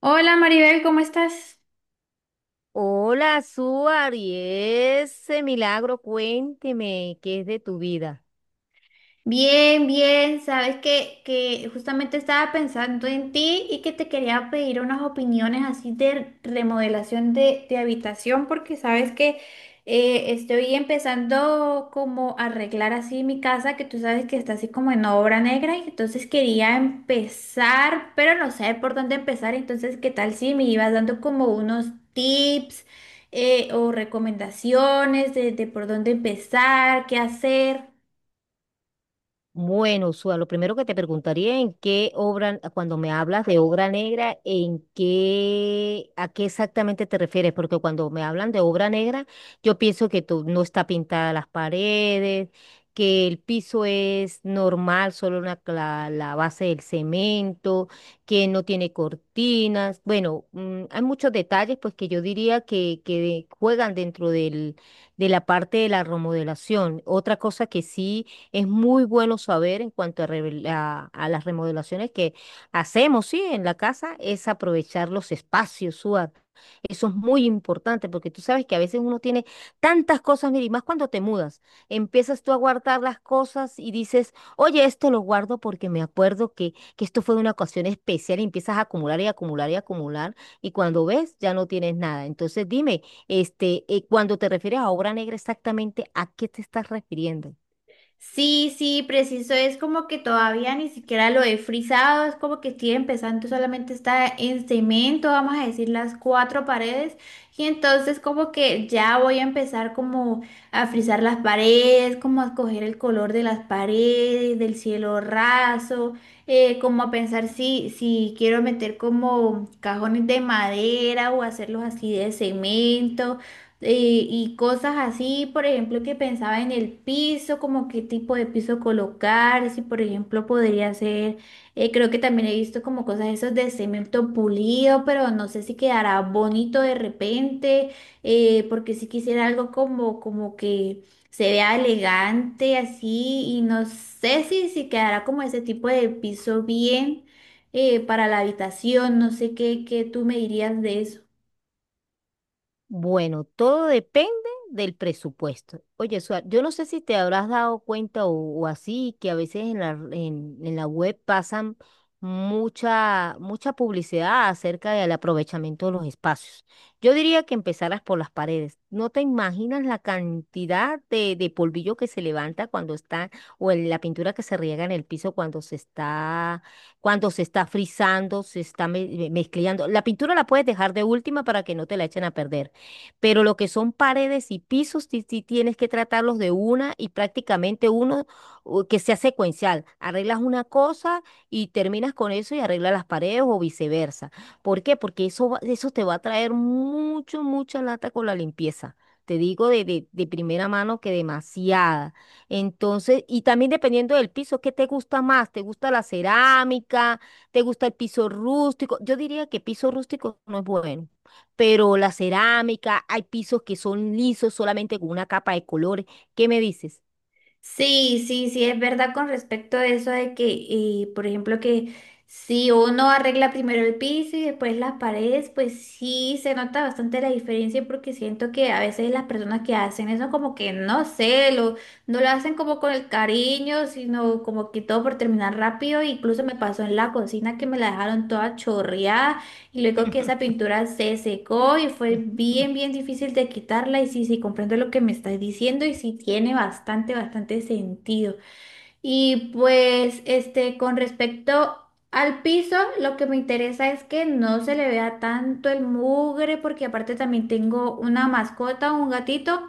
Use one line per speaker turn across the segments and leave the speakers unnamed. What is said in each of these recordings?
Hola Maribel, ¿cómo estás?
Hola, Suar, y ese milagro, cuénteme, ¿qué es de tu vida?
Bien, bien, sabes que justamente estaba pensando en ti y que te quería pedir unas opiniones así de remodelación de habitación porque sabes que estoy empezando como a arreglar así mi casa que tú sabes que está así como en obra negra y entonces quería empezar, pero no sé por dónde empezar. Entonces qué tal si me ibas dando como unos tips o recomendaciones de por dónde empezar, qué hacer.
Bueno, Sua, lo primero que te preguntaría en qué obra, cuando me hablas de obra negra, a qué exactamente te refieres, porque cuando me hablan de obra negra, yo pienso que no está pintada las paredes, que el piso es normal, solo la, base del cemento, que no tiene cortinas. Bueno, mm, hay muchos detalles, pues que yo diría que juegan dentro de la parte de la remodelación. Otra cosa que sí. Es muy bueno saber en cuanto a, a las remodelaciones que hacemos, sí, en la casa, es aprovechar los espacios, Suar. Eso es muy importante porque tú sabes que a veces uno tiene tantas cosas, mira, y más cuando te mudas, empiezas tú a guardar las cosas y dices, oye, esto lo guardo porque me acuerdo que esto fue una ocasión especial y empiezas a acumular y acumular y acumular y cuando ves ya no tienes nada. Entonces dime, este, cuando te refieres a obra negra, exactamente, ¿a qué te estás refiriendo?
Sí, sí, preciso, es como que todavía ni siquiera lo he frisado, es como que estoy empezando, solamente está en cemento, vamos a decir las cuatro paredes, y entonces como que ya voy a empezar como a frisar las paredes, como a escoger el color de las paredes, del cielo raso, como a pensar si quiero meter como cajones de madera o hacerlos así de cemento y cosas así. Por ejemplo, que pensaba en el piso, como qué tipo de piso colocar, si por ejemplo podría ser, creo que también he visto como cosas esos de cemento pulido, pero no sé si quedará bonito de repente, porque si quisiera algo como, como que se vea elegante así, y no sé si, si quedará como ese tipo de piso bien para la habitación. No sé qué, qué tú me dirías de eso.
Bueno, todo depende del presupuesto. Oye, Suar, yo no sé si te habrás dado cuenta o así, que a veces en la web pasan mucha publicidad acerca del aprovechamiento de los espacios. Yo diría que empezaras por las paredes. No te imaginas la cantidad de polvillo que se levanta cuando está, o en la pintura que se riega en el piso cuando se está frizando, se está mezclando. La pintura la puedes dejar de última para que no te la echen a perder, pero lo que son paredes y pisos, sí, sí tienes que tratarlos de una y prácticamente uno que sea secuencial. Arreglas una cosa y terminas con eso y arreglas las paredes o viceversa. ¿Por qué? Porque eso, eso te va a traer mucha lata con la limpieza. Te digo de primera mano que demasiada. Entonces, y también dependiendo del piso, ¿qué te gusta más? ¿Te gusta la cerámica? ¿Te gusta el piso rústico? Yo diría que piso rústico no es bueno, pero la cerámica, hay pisos que son lisos solamente con una capa de colores. ¿Qué me dices?
Sí, sí, sí, es verdad con respecto a eso de que, por ejemplo, que si uno arregla primero el piso y después las paredes, pues sí se nota bastante la diferencia, porque siento que a veces las personas que hacen eso como que no sé, no lo hacen como con el cariño, sino como que todo por terminar rápido. Incluso me pasó en la cocina que me la dejaron toda chorreada. Y luego que esa pintura se secó y fue bien, bien difícil de quitarla. Y sí, sí, comprendo lo que me estás diciendo y sí tiene bastante, bastante sentido. Y pues, este, con respecto al piso, lo que me interesa es que no se le vea tanto el mugre, porque aparte también tengo una mascota, un gatito.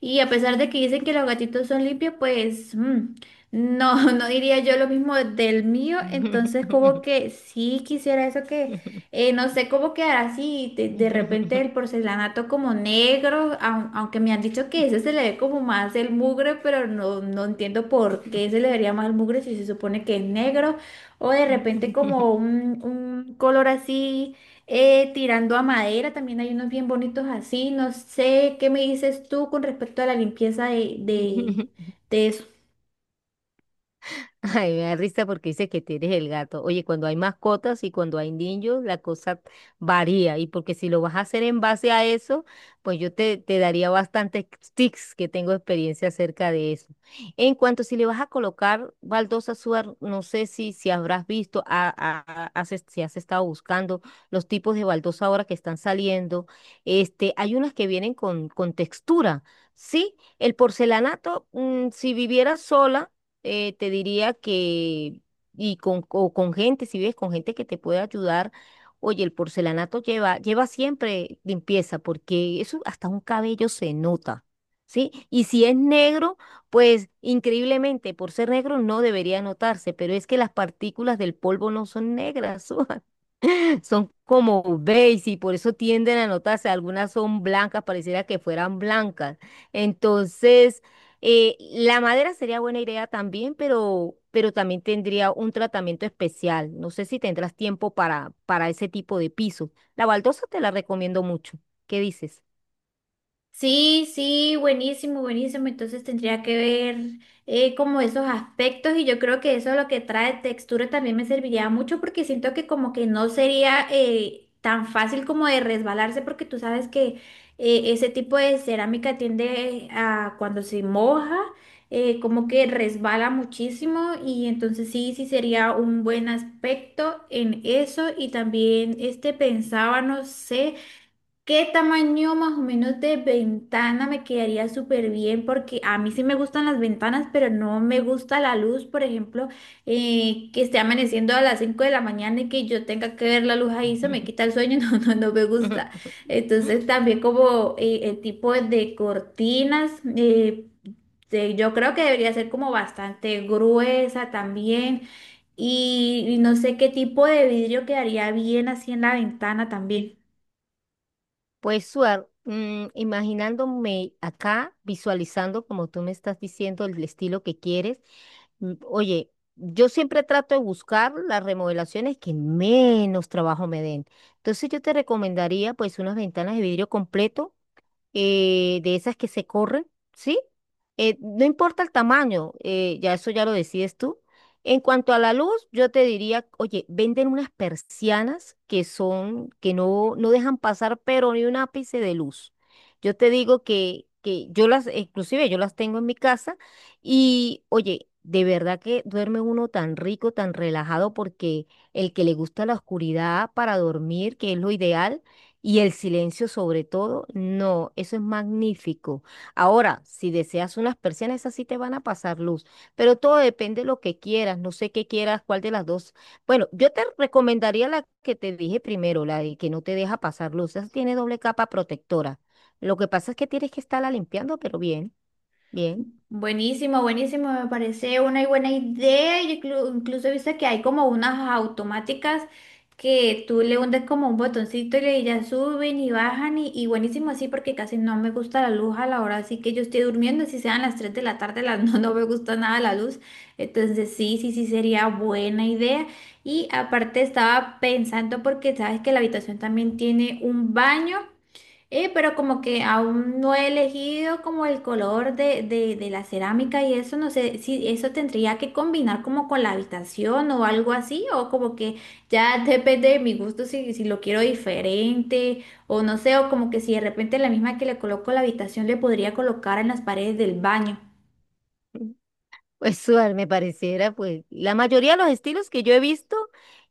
Y a pesar de que dicen que los gatitos son limpios, pues no, no diría yo lo mismo del mío. Entonces, como que sí quisiera eso que no sé cómo quedará así de repente el porcelanato como negro, aunque me han dicho que ese se le ve como más el mugre, pero no, no entiendo por qué se le vería más el mugre si se supone que es negro, o de repente como un color así tirando a madera. También hay unos bien bonitos así, no sé qué me dices tú con respecto a la limpieza de eso.
Ay, me da risa porque dice que tienes el gato. Oye, cuando hay mascotas y cuando hay niños, la cosa varía. Y porque si lo vas a hacer en base a eso, pues yo te daría bastantes tips que tengo experiencia acerca de eso. En cuanto si le vas a colocar baldosa, Suar, no sé si, si habrás visto, si has estado buscando los tipos de baldosa ahora que están saliendo. Este, hay unas que vienen con textura, ¿sí? El porcelanato, mm, si viviera sola, te diría que, y con, o con gente, si ves, con gente que te puede ayudar. Oye, el porcelanato lleva siempre limpieza, porque eso hasta un cabello se nota, ¿sí? Y si es negro, pues increíblemente, por ser negro no debería notarse, pero es que las partículas del polvo no son negras. Son como beige y por eso tienden a notarse. Algunas son blancas, pareciera que fueran blancas. Entonces, la madera sería buena idea también, pero también tendría un tratamiento especial. No sé si tendrás tiempo para ese tipo de piso. La baldosa te la recomiendo mucho. ¿Qué dices?
Sí, sí, buenísimo, buenísimo. Entonces tendría que ver como esos aspectos y yo creo que eso es lo que trae textura también me serviría mucho, porque siento que como que no sería tan fácil como de resbalarse porque tú sabes que ese tipo de cerámica tiende a cuando se moja como que resbala muchísimo. Y entonces sí, sí sería un buen aspecto en eso. Y también este pensaba, no sé, ¿qué tamaño más o menos de ventana me quedaría súper bien? Porque a mí sí me gustan las ventanas, pero no me gusta la luz. Por ejemplo, que esté amaneciendo a las 5 de la mañana y que yo tenga que ver la luz ahí, se me quita el sueño, no, no, no me gusta. Entonces también como el tipo de cortinas, eh, yo creo que debería ser como bastante gruesa también y no sé qué tipo de vidrio quedaría bien así en la ventana también.
Pues, Suar, mm, imaginándome acá, visualizando como tú me estás diciendo el estilo que quieres, mm, oye, yo siempre trato de buscar las remodelaciones que menos trabajo me den. Entonces yo te recomendaría pues unas ventanas de vidrio completo, de esas que se corren, ¿sí? No importa el tamaño, ya eso ya lo decides tú. En cuanto a la luz, yo te diría, oye, venden unas persianas que son, que no, no dejan pasar, pero ni un ápice de luz. Yo te digo que yo las, inclusive yo las tengo en mi casa y, oye, de verdad que duerme uno tan rico, tan relajado, porque el que le gusta la oscuridad para dormir, que es lo ideal, y el silencio sobre todo, no, eso es magnífico. Ahora, si deseas unas persianas, esas sí te van a pasar luz, pero todo depende de lo que quieras, no sé qué quieras, cuál de las dos. Bueno, yo te recomendaría la que te dije primero, la de que no te deja pasar luz, esa tiene doble capa protectora. Lo que pasa es que tienes que estarla limpiando, pero bien, bien.
Buenísimo, buenísimo, me parece una buena idea. Yo incluso he visto que hay como unas automáticas que tú le hundes como un botoncito y ya suben y bajan y buenísimo así, porque casi no me gusta la luz a la hora así que yo estoy durmiendo, si sean las 3 de la tarde, las, no, no me gusta nada la luz. Entonces sí, sí, sí sería buena idea. Y aparte estaba pensando porque sabes que la habitación también tiene un baño. Pero como que aún no he elegido como el color de la cerámica y eso, no sé si eso tendría que combinar como con la habitación o algo así, o como que ya depende de mi gusto si, si lo quiero diferente, o no sé, o como que si de repente la misma que le coloco a la habitación le podría colocar en las paredes del baño.
Pues Suar, me pareciera, pues la mayoría de los estilos que yo he visto,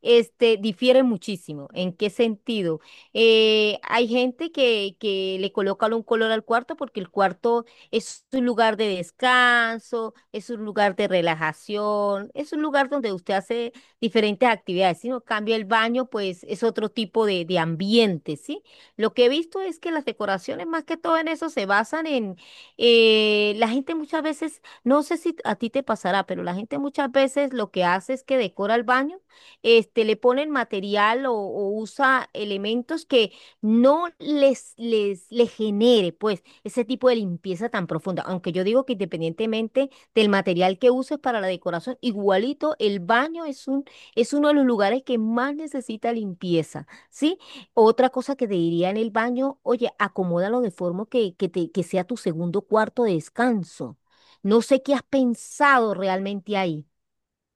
este, difieren muchísimo. ¿En qué sentido? Hay gente que le coloca un color al cuarto porque el cuarto es un lugar de descanso, es un lugar de relajación, es un lugar donde usted hace diferentes actividades. Si no cambia el baño, pues es otro tipo de ambiente, ¿sí? Lo que he visto es que las decoraciones más que todo en eso se basan en la gente muchas veces, no sé si a ti te pasará, pero la gente muchas veces lo que hace es que decora el baño, este, le ponen material o usa elementos que no les genere, pues, ese tipo de limpieza tan profunda. Aunque yo digo que independientemente del material que uses para la decoración, igualito el baño es es uno de los lugares que más necesita limpieza, ¿sí? Otra cosa que te diría en el baño, oye, acomódalo de forma que sea tu segundo cuarto de descanso. No sé qué has pensado realmente ahí.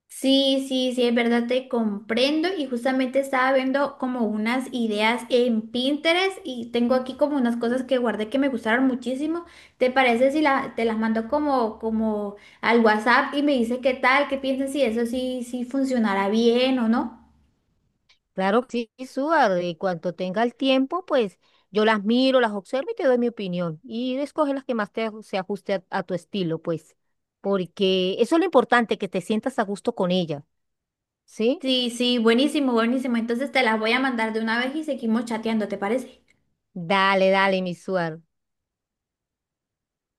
Sí, sí, sí, es verdad, te comprendo. Y justamente estaba viendo como unas ideas en Pinterest y tengo aquí como unas cosas que guardé que me gustaron muchísimo. ¿Te parece si te las mando como al WhatsApp y me dices qué tal, qué piensas si eso sí, sí funcionará bien o no?
Claro que sí, Suar, y cuanto tenga el tiempo, pues yo las miro, las observo y te doy mi opinión. Y escoge las que más te, se ajuste a tu estilo, pues. Porque eso es lo importante, que te sientas a gusto con ella, ¿sí?
Sí, sí, buenísimo, buenísimo. Entonces te las voy a mandar de una vez y seguimos chateando, ¿te parece?
Dale, dale, mi Suar.